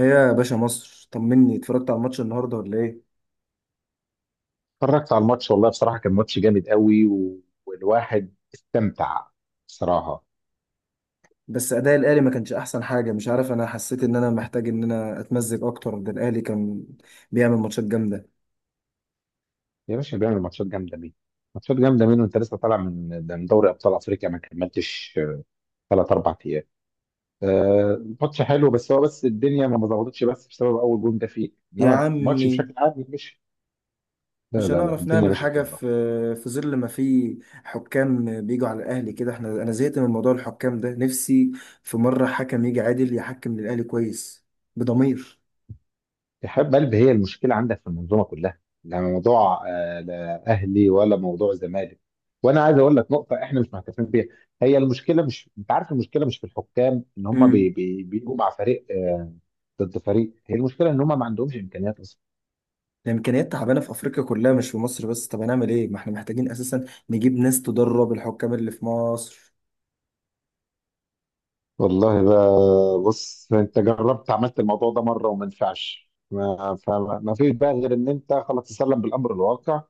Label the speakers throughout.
Speaker 1: ايه يا باشا مصر، طمني، اتفرجت على الماتش النهارده ولا ايه؟
Speaker 2: اتفرجت على الماتش، والله بصراحة كان ماتش جامد قوي والواحد استمتع بصراحة.
Speaker 1: بس اداء الاهلي ما كانش احسن حاجه. مش عارف، انا حسيت ان انا محتاج ان انا اتمزج اكتر. ده الاهلي كان بيعمل ماتشات جامده.
Speaker 2: يا باشا، بيعمل ماتشات جامدة مين؟ ماتشات جامدة مين وانت لسه طالع من دوري أبطال أفريقيا، ما كملتش ثلاث أربع أيام. ماتش حلو، بس الدنيا ما ظبطتش، بس بسبب أول جون ده فيه،
Speaker 1: يا
Speaker 2: إنما الماتش
Speaker 1: عمي،
Speaker 2: بشكل عام مش. لا
Speaker 1: مش
Speaker 2: لا لا،
Speaker 1: هنعرف
Speaker 2: الدنيا
Speaker 1: نعمل
Speaker 2: مشيت
Speaker 1: حاجه في
Speaker 2: والله.
Speaker 1: في ظل ما في حكام بيجوا على الاهلي كده. احنا انا زهقت من موضوع الحكام ده. نفسي في مره حكم يجي عادل يحكم للاهلي كويس بضمير.
Speaker 2: إرحاب قلب، هي المشكلة عندك في المنظومة كلها، لا موضوع لا أهلي ولا موضوع زمالك، وأنا عايز أقول لك نقطة إحنا مش معترفين بيها. هي المشكلة، مش أنت عارف المشكلة مش في الحكام إن هم
Speaker 1: امم
Speaker 2: بيجوا مع فريق ضد فريق، هي المشكلة إن هم ما عندهمش إمكانيات أصلا.
Speaker 1: الامكانيات تعبانه في افريقيا كلها، مش في مصر بس. طب هنعمل ايه؟ ما احنا محتاجين اساسا نجيب ناس تدرب الحكام اللي في مصر.
Speaker 2: والله بقى، بص أنت عملت الموضوع ده مرة وما نفعش، ما فيش بقى غير إن أنت خلاص تسلم بالأمر الواقع.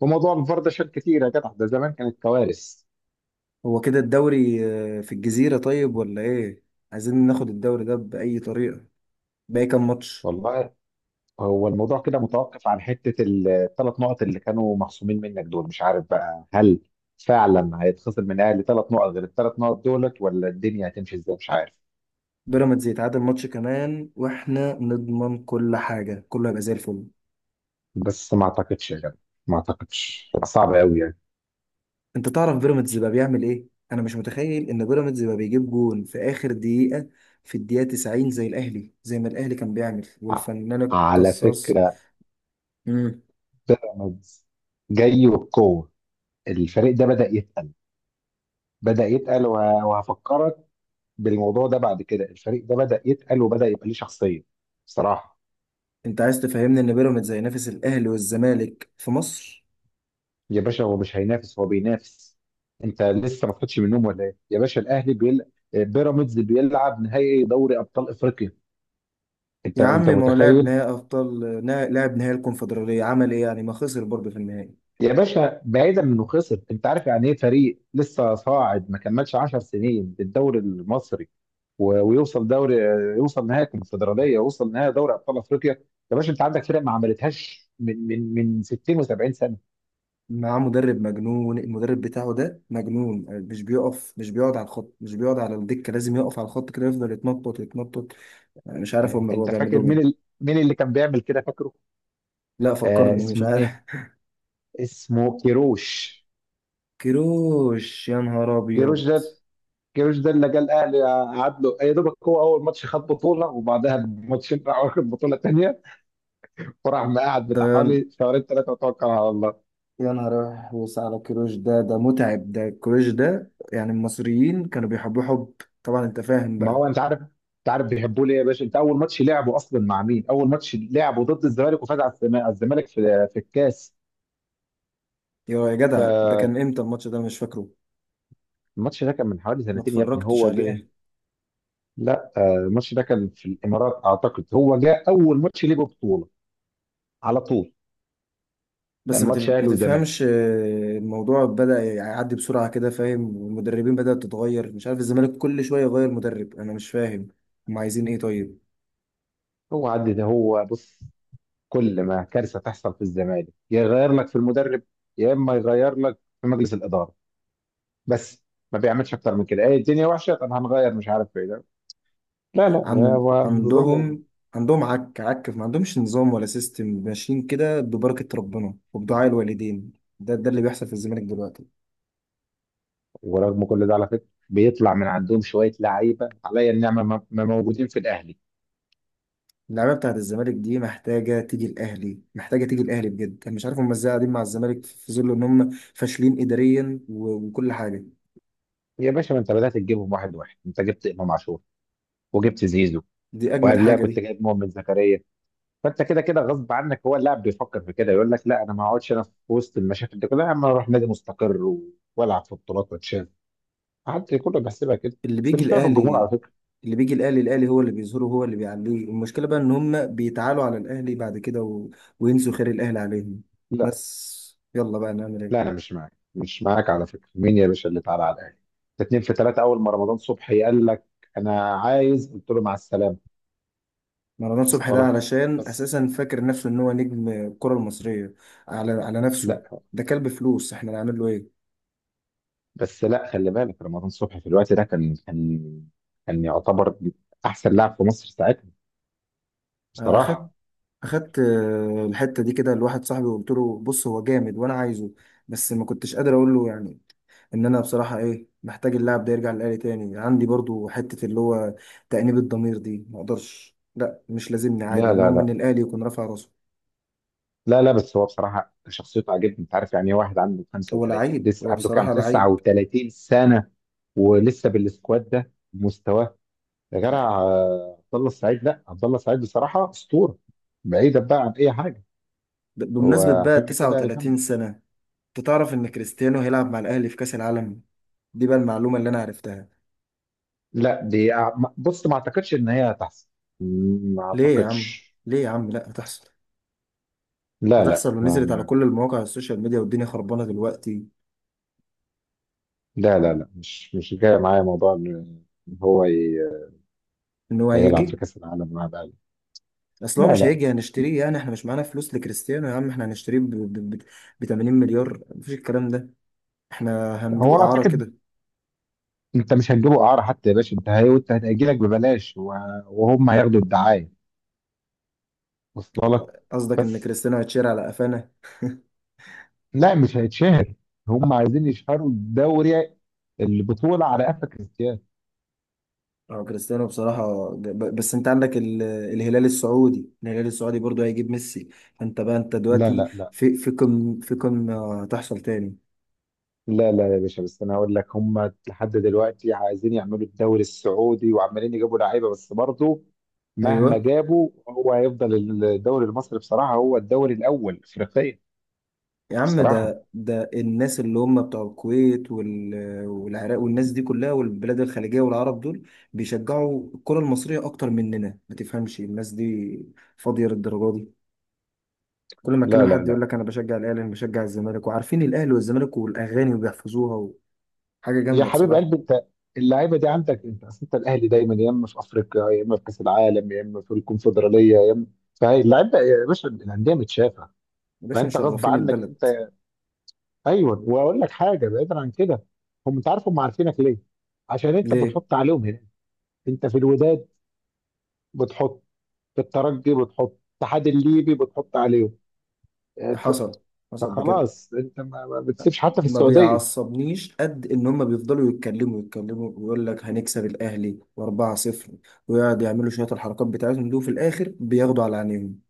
Speaker 2: وموضوع الفار ده شال كتير يا جدع، ده زمان كانت كوارث.
Speaker 1: هو كده الدوري في الجزيرة طيب ولا ايه؟ عايزين ناخد الدوري ده بأي طريقة. باقي كام ماتش؟
Speaker 2: والله، هو الموضوع كده متوقف عن حتة الثلاث نقط اللي كانوا مخصومين منك دول، مش عارف بقى هل فعلا هيتخصم من الاهلي ثلاث نقط غير الثلاث نقط دولت، ولا الدنيا هتمشي ازاي مش عارف.
Speaker 1: بيراميدز يتعادل ماتش كمان واحنا نضمن كل حاجة، كله هيبقى زي الفل.
Speaker 2: بس ما اعتقدش يا جدع، ما اعتقدش هتبقى صعبة قوي يعني.
Speaker 1: انت تعرف بيراميدز بقى بيعمل ايه؟ انا مش متخيل ان بيراميدز بقى بيجيب جون في اخر دقيقة، في الدقيقة 90، زي الاهلي، زي ما الاهلي كان بيعمل
Speaker 2: ع-
Speaker 1: والفنان
Speaker 2: على
Speaker 1: القصاص.
Speaker 2: فكرة،
Speaker 1: مم.
Speaker 2: بيراميدز جاي وبقوة، الفريق ده بدأ يتقل، بدأ يتقل وهفكرك بالموضوع ده، بعد كده الفريق ده بدأ يتقل وبدأ يبقى ليه شخصية بصراحة.
Speaker 1: انت عايز تفهمني ان بيراميدز هينافس الاهلي والزمالك في مصر؟
Speaker 2: يا باشا، هو مش هينافس، هو بينافس. انت لسه ما صحيتش من النوم ولا ايه يا باشا؟ الاهلي بيل... آه، بيراميدز بيلعب نهائي دوري ابطال افريقيا، انت
Speaker 1: يا عم،
Speaker 2: انت
Speaker 1: ما هو
Speaker 2: متخيل؟
Speaker 1: لاعب نهائي الكونفدراليه عمل ايه؟ يعني ما خسر برضه في النهائي.
Speaker 2: يا باشا، بعيدا من انه خسر، انت عارف يعني ايه فريق لسه صاعد ما كملش 10 سنين الدوري المصري و... ويوصل دوري يوصل نهائي الكونفدراليه ويوصل نهائي دوري ابطال افريقيا. يا باشا، انت عندك فرق ما عملتهاش من 60 و70 سنه.
Speaker 1: معاه مدرب مجنون، المدرب بتاعه ده مجنون، مش بيقف، مش بيقعد على الخط، مش بيقعد على الدكه، لازم يقف على الخط كده، يفضل يتنطط يتنطط. أنا مش عارف
Speaker 2: اه،
Speaker 1: هو
Speaker 2: انت
Speaker 1: بيعمل
Speaker 2: فاكر
Speaker 1: لهم ايه.
Speaker 2: مين اللي كان بيعمل كده؟ فاكره؟
Speaker 1: لا، فكرني، مش
Speaker 2: اسمه
Speaker 1: عارف.
Speaker 2: ايه؟ اسمه كيروش.
Speaker 1: كيروش، يا نهار ابيض!
Speaker 2: كيروش ده كيروش ده اللي جه الاهلي، قعد له يا دوبك، هو اول ماتش خد بطوله، وبعدها بماتشين راح واخد بطوله تانيه، وراح مقعد بتاع
Speaker 1: ده
Speaker 2: حوالي شهرين ثلاثه، وتوكل على الله.
Speaker 1: يا نهار أحوس على كيروش، ده ده متعب، ده كيروش ده يعني. المصريين كانوا بيحبوه حب، طبعا انت فاهم
Speaker 2: ما
Speaker 1: بقى.
Speaker 2: هو انت عارف، بيحبوه ليه يا باشا؟ انت اول ماتش لعبه اصلا مع مين؟ اول ماتش لعبه ضد الزمالك وفاز على على الزمالك في الكاس.
Speaker 1: يا جدع، ده
Speaker 2: فالماتش
Speaker 1: كان امتى الماتش ده؟ أنا مش فاكره.
Speaker 2: ده كان من حوالي
Speaker 1: ما
Speaker 2: سنتين يا ابني،
Speaker 1: اتفرجتش
Speaker 2: هو جه.
Speaker 1: عليه.
Speaker 2: لا، الماتش ده كان في الامارات اعتقد، هو جه اول ماتش ليه بطوله على طول.
Speaker 1: بس
Speaker 2: كان ماتش
Speaker 1: ما
Speaker 2: اهلي وزمالك.
Speaker 1: تفهمش، الموضوع بدأ يعدي بسرعة كده، فاهم. والمدربين بدأت تتغير، مش عارف، الزمالك كل شوية يغير مدرب، أنا مش فاهم. هم عايزين إيه طيب؟
Speaker 2: هو عدى ده هو بص، كل ما كارثه تحصل في الزمالك، يا يغير لك في المدرب، يا اما يغير لك في مجلس الاداره بس، ما بيعملش اكتر من كده، ايه الدنيا وحشه طب هنغير مش عارف ايه ده. لا لا،
Speaker 1: عن...
Speaker 2: هو نظامه.
Speaker 1: عندهم عندهم، عك عك ما عندهمش نظام ولا سيستم. ماشيين كده ببركة ربنا وبدعاء الوالدين. ده ده اللي بيحصل في الزمالك دلوقتي.
Speaker 2: ورغم كل ده على فكره بيطلع من عندهم شويه لعيبه عليا النعمه ما موجودين في الاهلي.
Speaker 1: اللعيبة بتاعت الزمالك دي محتاجة تيجي الأهلي، محتاجة تيجي الأهلي بجد. أنا مش عارف هم إزاي قاعدين مع الزمالك في ظل إن هم فاشلين إداريا وكل حاجة.
Speaker 2: يا باشا، ما انت بدات تجيبهم واحد واحد، انت جبت امام عاشور، وجبت زيزو،
Speaker 1: دي أجمد
Speaker 2: وقبلها
Speaker 1: حاجة
Speaker 2: كنت
Speaker 1: دي.
Speaker 2: جايب مؤمن زكريا. فانت كده كده غصب عنك، هو اللاعب بيفكر في كده يقول لك لا، انا ما اقعدش انا في وسط المشاكل دي كلها، اما اروح نادي مستقر والعب في بطولات واتشاف. قعدت كله بحسبها كده.
Speaker 1: اللي
Speaker 2: بس
Speaker 1: بيجي
Speaker 2: المشكله في الجمهور على
Speaker 1: الاهلي،
Speaker 2: فكره.
Speaker 1: اللي بيجي الاهلي، الاهلي هو اللي بيظهره، هو اللي بيعليه. المشكله بقى ان هم بيتعالوا على الاهلي بعد كده وينسوا خير الاهلي عليهم.
Speaker 2: لا
Speaker 1: بس يلا بقى، نعمل
Speaker 2: لا،
Speaker 1: ايه.
Speaker 2: انا مش معاك، على فكره. مين يا باشا اللي تعالى على الاهلي؟ ده اتنين في تلاته، اول ما رمضان صبحي قال لك انا عايز، قلت له مع السلامه.
Speaker 1: مروان صبحي
Speaker 2: وصل
Speaker 1: ده
Speaker 2: لك؟
Speaker 1: علشان
Speaker 2: بس
Speaker 1: اساسا فاكر نفسه ان هو نجم الكره المصريه، على نفسه.
Speaker 2: لا
Speaker 1: ده كلب فلوس، احنا نعمل له ايه.
Speaker 2: بس لا خلي بالك، رمضان صبحي في الوقت ده كان يعتبر احسن لاعب في مصر ساعتها،
Speaker 1: آه، اخدت
Speaker 2: بصراحه.
Speaker 1: اخدت الحته دي كده لواحد صاحبي، وقلت له بص، هو جامد وانا عايزه، بس ما كنتش قادر اقول له يعني. ان انا بصراحه ايه محتاج اللاعب ده يرجع للآلي تاني. عندي برضو حته اللي هو تأنيب الضمير دي ما اقدرش. لا، مش لازمني عادي،
Speaker 2: لا لا
Speaker 1: المهم ان
Speaker 2: لا
Speaker 1: الآلي يكون رافع راسه.
Speaker 2: لا لا، بس هو بصراحه شخصيته عجبني، انت عارف يعني إيه واحد عنده
Speaker 1: هو
Speaker 2: 35،
Speaker 1: لعيب،
Speaker 2: لسه
Speaker 1: هو
Speaker 2: عنده كام،
Speaker 1: بصراحه لعيب.
Speaker 2: 39 سنه ولسه بالسكواد ده مستواه؟ يا جدع، عبد الله السعيد، لا عبد الله السعيد بصراحه اسطوره، بعيدا بقى عن اي حاجه،
Speaker 1: بمناسبه
Speaker 2: هو
Speaker 1: بقى
Speaker 2: حاجه كده
Speaker 1: 39
Speaker 2: جامده.
Speaker 1: سنه، انت تعرف ان كريستيانو هيلعب مع الأهلي في كأس العالم؟ دي بقى المعلومه اللي انا عرفتها.
Speaker 2: لا دي بص ما اعتقدش ان هي هتحصل، ما
Speaker 1: ليه يا عم؟
Speaker 2: اعتقدش.
Speaker 1: ليه يا عم؟ لا، هتحصل.
Speaker 2: لا لا
Speaker 1: هتحصل ونزلت على كل المواقع، السوشيال ميديا والدنيا خربانه دلوقتي.
Speaker 2: لا لا لا، مش جاي معايا موضوع إن
Speaker 1: ان هو
Speaker 2: هيلعب في
Speaker 1: هيجي.
Speaker 2: كاس العالم مع الاهلي.
Speaker 1: اصل هو
Speaker 2: لا
Speaker 1: مش
Speaker 2: لا،
Speaker 1: هيجي هنشتريه يعني، احنا مش معانا فلوس لكريستيانو يا عم. احنا هنشتريه ب 80 مليار؟ مفيش الكلام ده. احنا هندوق
Speaker 2: هو
Speaker 1: اعاره
Speaker 2: اعتقد
Speaker 1: كده.
Speaker 2: انت مش هتجيبه اعاره حتى يا باشا، وانت هتجي لك ببلاش وهم هياخدوا الدعايه. وصل لك؟
Speaker 1: قصدك ان
Speaker 2: بس.
Speaker 1: كريستيانو هيتشير على قفانا؟
Speaker 2: لا، مش هيتشهر، هم عايزين يشهروا الدوري، البطولة على قفا كريستيانو.
Speaker 1: اه كريستيانو بصراحه، بس انت عندك الهلال السعودي، الهلال السعودي برضو هيجيب ميسي. فانت بقى، انت
Speaker 2: لا
Speaker 1: دلوقتي
Speaker 2: لا لا
Speaker 1: في كم، في كم هتحصل تاني؟
Speaker 2: لا لا يا باشا، بس انا هقول لك، هم لحد دلوقتي عايزين يعملوا الدوري السعودي وعمالين يجيبوا لعيبة، بس برضه مهما
Speaker 1: ايوه.
Speaker 2: جابوا، هو هيفضل الدوري المصري بصراحة هو الدوري الأول إفريقيا.
Speaker 1: يا عم،
Speaker 2: بصراحة.
Speaker 1: ده الناس اللي هم بتوع الكويت والعراق والناس دي كلها والبلاد الخليجية والعرب دول بيشجعوا الكرة المصرية أكتر مننا. ما تفهمش، الناس دي فاضية للدرجة دي. كل ما أتكلم
Speaker 2: لا لا
Speaker 1: حد يقول
Speaker 2: لا،
Speaker 1: لك أنا بشجع الأهلي، أنا بشجع الزمالك. وعارفين الأهلي والزمالك والأغاني وبيحفظوها، وحاجة
Speaker 2: يا
Speaker 1: جامدة
Speaker 2: حبيب
Speaker 1: بصراحة.
Speaker 2: قلبي أنت، اللعيبة دي عندك أنت، أصل أنت الأهلي دايما يا إما في أفريقيا يا إما في كأس العالم يا إما في الكونفدرالية يا إما. فهي اللعيبة يا باشا، الأندية متشافة،
Speaker 1: يا باشا،
Speaker 2: فانت غصب
Speaker 1: مشرفين
Speaker 2: عنك
Speaker 1: البلد.
Speaker 2: انت. ايوه، واقول لك حاجه بعيدا عن كده، هم انت عارف هم عارفينك ليه؟ عشان انت
Speaker 1: ليه؟
Speaker 2: بتحط عليهم هنا. انت في الوداد بتحط، في الترجي بتحط، الاتحاد الليبي بتحط عليهم. اه، ف-
Speaker 1: حصل، حصل بجد.
Speaker 2: فخلاص انت ما بتسيبش حتى في
Speaker 1: ما
Speaker 2: السعوديه.
Speaker 1: بيعصبنيش قد ان هم بيفضلوا يتكلموا يتكلموا، ويقول لك هنكسب الاهلي واربعة صفر، ويقعد يعملوا شوية الحركات بتاعتهم دي. وفي الاخر بياخدوا على عينيهم.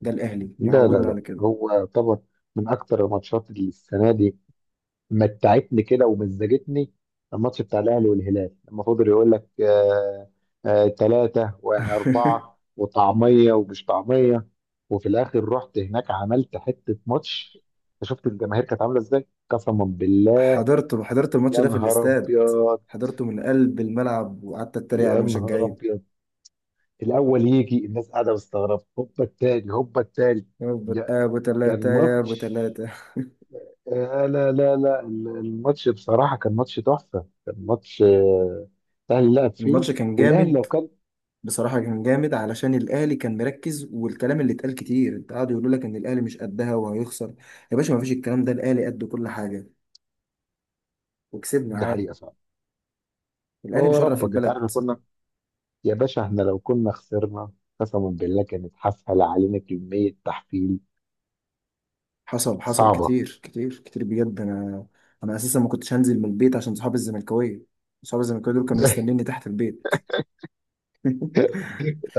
Speaker 1: ده الاهلي
Speaker 2: لا لا
Speaker 1: معودنا على
Speaker 2: لا،
Speaker 1: كده.
Speaker 2: هو طبعا من اكتر الماتشات اللي السنه دي متعتني كده ومزجتني، الماتش بتاع الاهلي والهلال لما فضل يقول لك آه، آه ثلاثه واربعه وطعميه ومش طعميه، وفي الاخر رحت هناك عملت حته ماتش. أنت شفت الجماهير كانت عامله ازاي؟ قسما بالله.
Speaker 1: حضرت الماتش
Speaker 2: يا
Speaker 1: ده في
Speaker 2: نهار
Speaker 1: الاستاد.
Speaker 2: ابيض.
Speaker 1: حضرته من قلب الملعب وقعدت اتريق على
Speaker 2: يا نهار
Speaker 1: المشجعين.
Speaker 2: ابيض، الاول يجي الناس قاعده مستغربه، هوبا التاني، هوبا التالت. يا-
Speaker 1: يا أبو تلاتة،
Speaker 2: كان
Speaker 1: يا ابو
Speaker 2: ماتش
Speaker 1: تلاتة.
Speaker 2: لا لا لا، الماتش بصراحة كان ماتش تحفة، كان ماتش الأهلي لعب فيه،
Speaker 1: الماتش كان
Speaker 2: والأهلي لو
Speaker 1: جامد.
Speaker 2: كان.
Speaker 1: بصراحة كان جامد، علشان الأهلي كان مركز، والكلام اللي اتقال كتير، قعدوا يقولوا لك إن الأهلي مش قدها وهيخسر. يا باشا، مفيش الكلام ده، الأهلي قد كل حاجة، وكسبنا
Speaker 2: دي
Speaker 1: عادي.
Speaker 2: حقيقة صعبة.
Speaker 1: الاهلي
Speaker 2: هو
Speaker 1: مشرف
Speaker 2: ربك، أنت عارف إحنا
Speaker 1: البلد.
Speaker 2: كنا. يا باشا إحنا لو كنا خسرنا قسما بالله كانت حفل علينا كمية تحفيل.
Speaker 1: حصل، حصل
Speaker 2: صعبة.
Speaker 1: كتير كتير كتير بجد. انا اساسا ما كنتش هنزل من البيت عشان صحابي الزملكاويه. صحابي الزملكاويه دول كانوا مستنيني تحت البيت.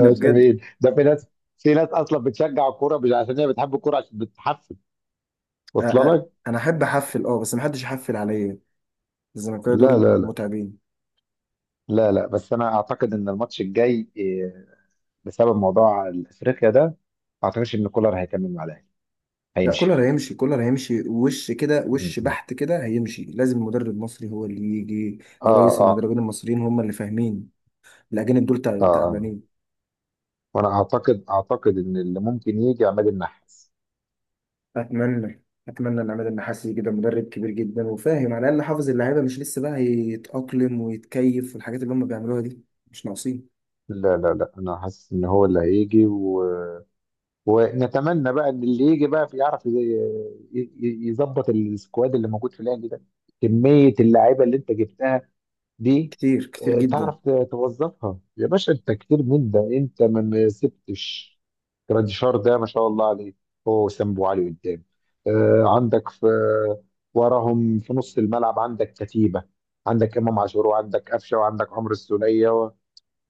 Speaker 1: لا بجد.
Speaker 2: أمين ده، في ناس، أصلا بتشجع الكورة مش عشان هي بتحب الكورة، عشان بتحفل.
Speaker 1: أ- أ-
Speaker 2: واصلة لك؟
Speaker 1: انا احب احفل اه، بس ما حدش يحفل عليا. الزملكاويه
Speaker 2: لا لا
Speaker 1: دول
Speaker 2: لا
Speaker 1: متعبين.
Speaker 2: لا لا، بس أنا أعتقد إن الماتش الجاي بسبب موضوع أفريقيا ده ما أعتقدش إن كولر هيكمل مع الأهلي،
Speaker 1: لا،
Speaker 2: هيمشي.
Speaker 1: كولر هيمشي، كولر هيمشي وش كده،
Speaker 2: م-
Speaker 1: وش
Speaker 2: م.
Speaker 1: بحت كده هيمشي. لازم مدرب مصري هو اللي يجي.
Speaker 2: اه
Speaker 1: ورئيس
Speaker 2: اه
Speaker 1: المدربين المصريين هم اللي فاهمين، الاجانب دول
Speaker 2: اه آه.
Speaker 1: تعبانين.
Speaker 2: وانا اعتقد ان اللي ممكن يجي عماد النحاس.
Speaker 1: اتمنى، اتمنى ان عماد النحاس كده، مدرب كبير جدا وفاهم، على الاقل حافظ اللعيبه، مش لسه بقى يتاقلم ويتكيف في الحاجات اللي هم بيعملوها دي. مش ناقصين.
Speaker 2: لا لا لا، انا حاسس ان هو اللي هيجي ونتمنى بقى ان اللي يجي بقى يعرف يظبط السكواد اللي موجود في الاهلي ده، كمية اللعيبة اللي انت جبتها دي.
Speaker 1: كتير كتير جدا،
Speaker 2: تعرف توظفها. يا باشا، انت كتير من ده، انت ما سبتش. جراديشار ده ما شاء الله عليه، هو وسام ابو علي قدام، عندك في وراهم في نص الملعب عندك كتيبه، عندك امام عاشور، وعندك قفشه، وعندك عمرو السوليه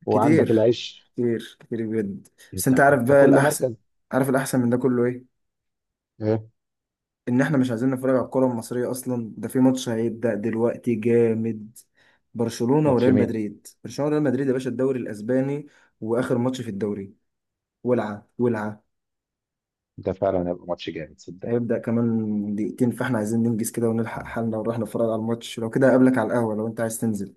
Speaker 2: وعندك
Speaker 1: كتير
Speaker 2: العش.
Speaker 1: كتير كتير بجد. بس
Speaker 2: انت
Speaker 1: انت عارف
Speaker 2: انت
Speaker 1: بقى
Speaker 2: كل
Speaker 1: الاحسن،
Speaker 2: مركز.
Speaker 1: عارف الاحسن من ده كله ايه؟
Speaker 2: ايه؟
Speaker 1: ان احنا مش عايزين نتفرج على الكره المصريه اصلا. ده في ماتش هيبدا دلوقتي جامد، برشلونه
Speaker 2: ماتش
Speaker 1: وريال
Speaker 2: مين؟
Speaker 1: مدريد، برشلونه وريال مدريد يا باشا. الدوري الاسباني، واخر ماتش في الدوري، ولعه ولعه.
Speaker 2: ده فعلا هيبقى ماتش جامد صدق.
Speaker 1: هيبدأ كمان دقيقتين، فاحنا عايزين ننجز كده ونلحق حالنا ونروح نتفرج على الماتش. لو كده اقابلك على القهوة لو انت عايز تنزل.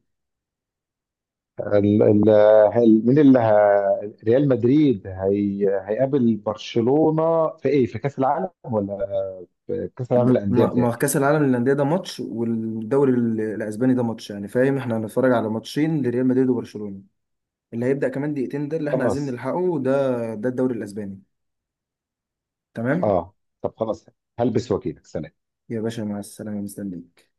Speaker 2: ال- ال- مين اللي ريال مدريد هيقابل برشلونة في ايه، في كأس العالم ولا في كأس العالم للأندية
Speaker 1: ما
Speaker 2: بتاعي؟
Speaker 1: كأس العالم للأندية ده ماتش، والدوري الأسباني ده ماتش يعني، فاهم. احنا هنتفرج على ماتشين لريال مدريد وبرشلونة. اللي هيبدأ كمان دقيقتين ده اللي احنا عايزين
Speaker 2: خلاص.
Speaker 1: نلحقه. ده ده الدوري الأسباني. تمام،
Speaker 2: اه، طب خلاص، هلبس واجيلك، سلام.
Speaker 1: يا باشا مع السلامة، مستنيك.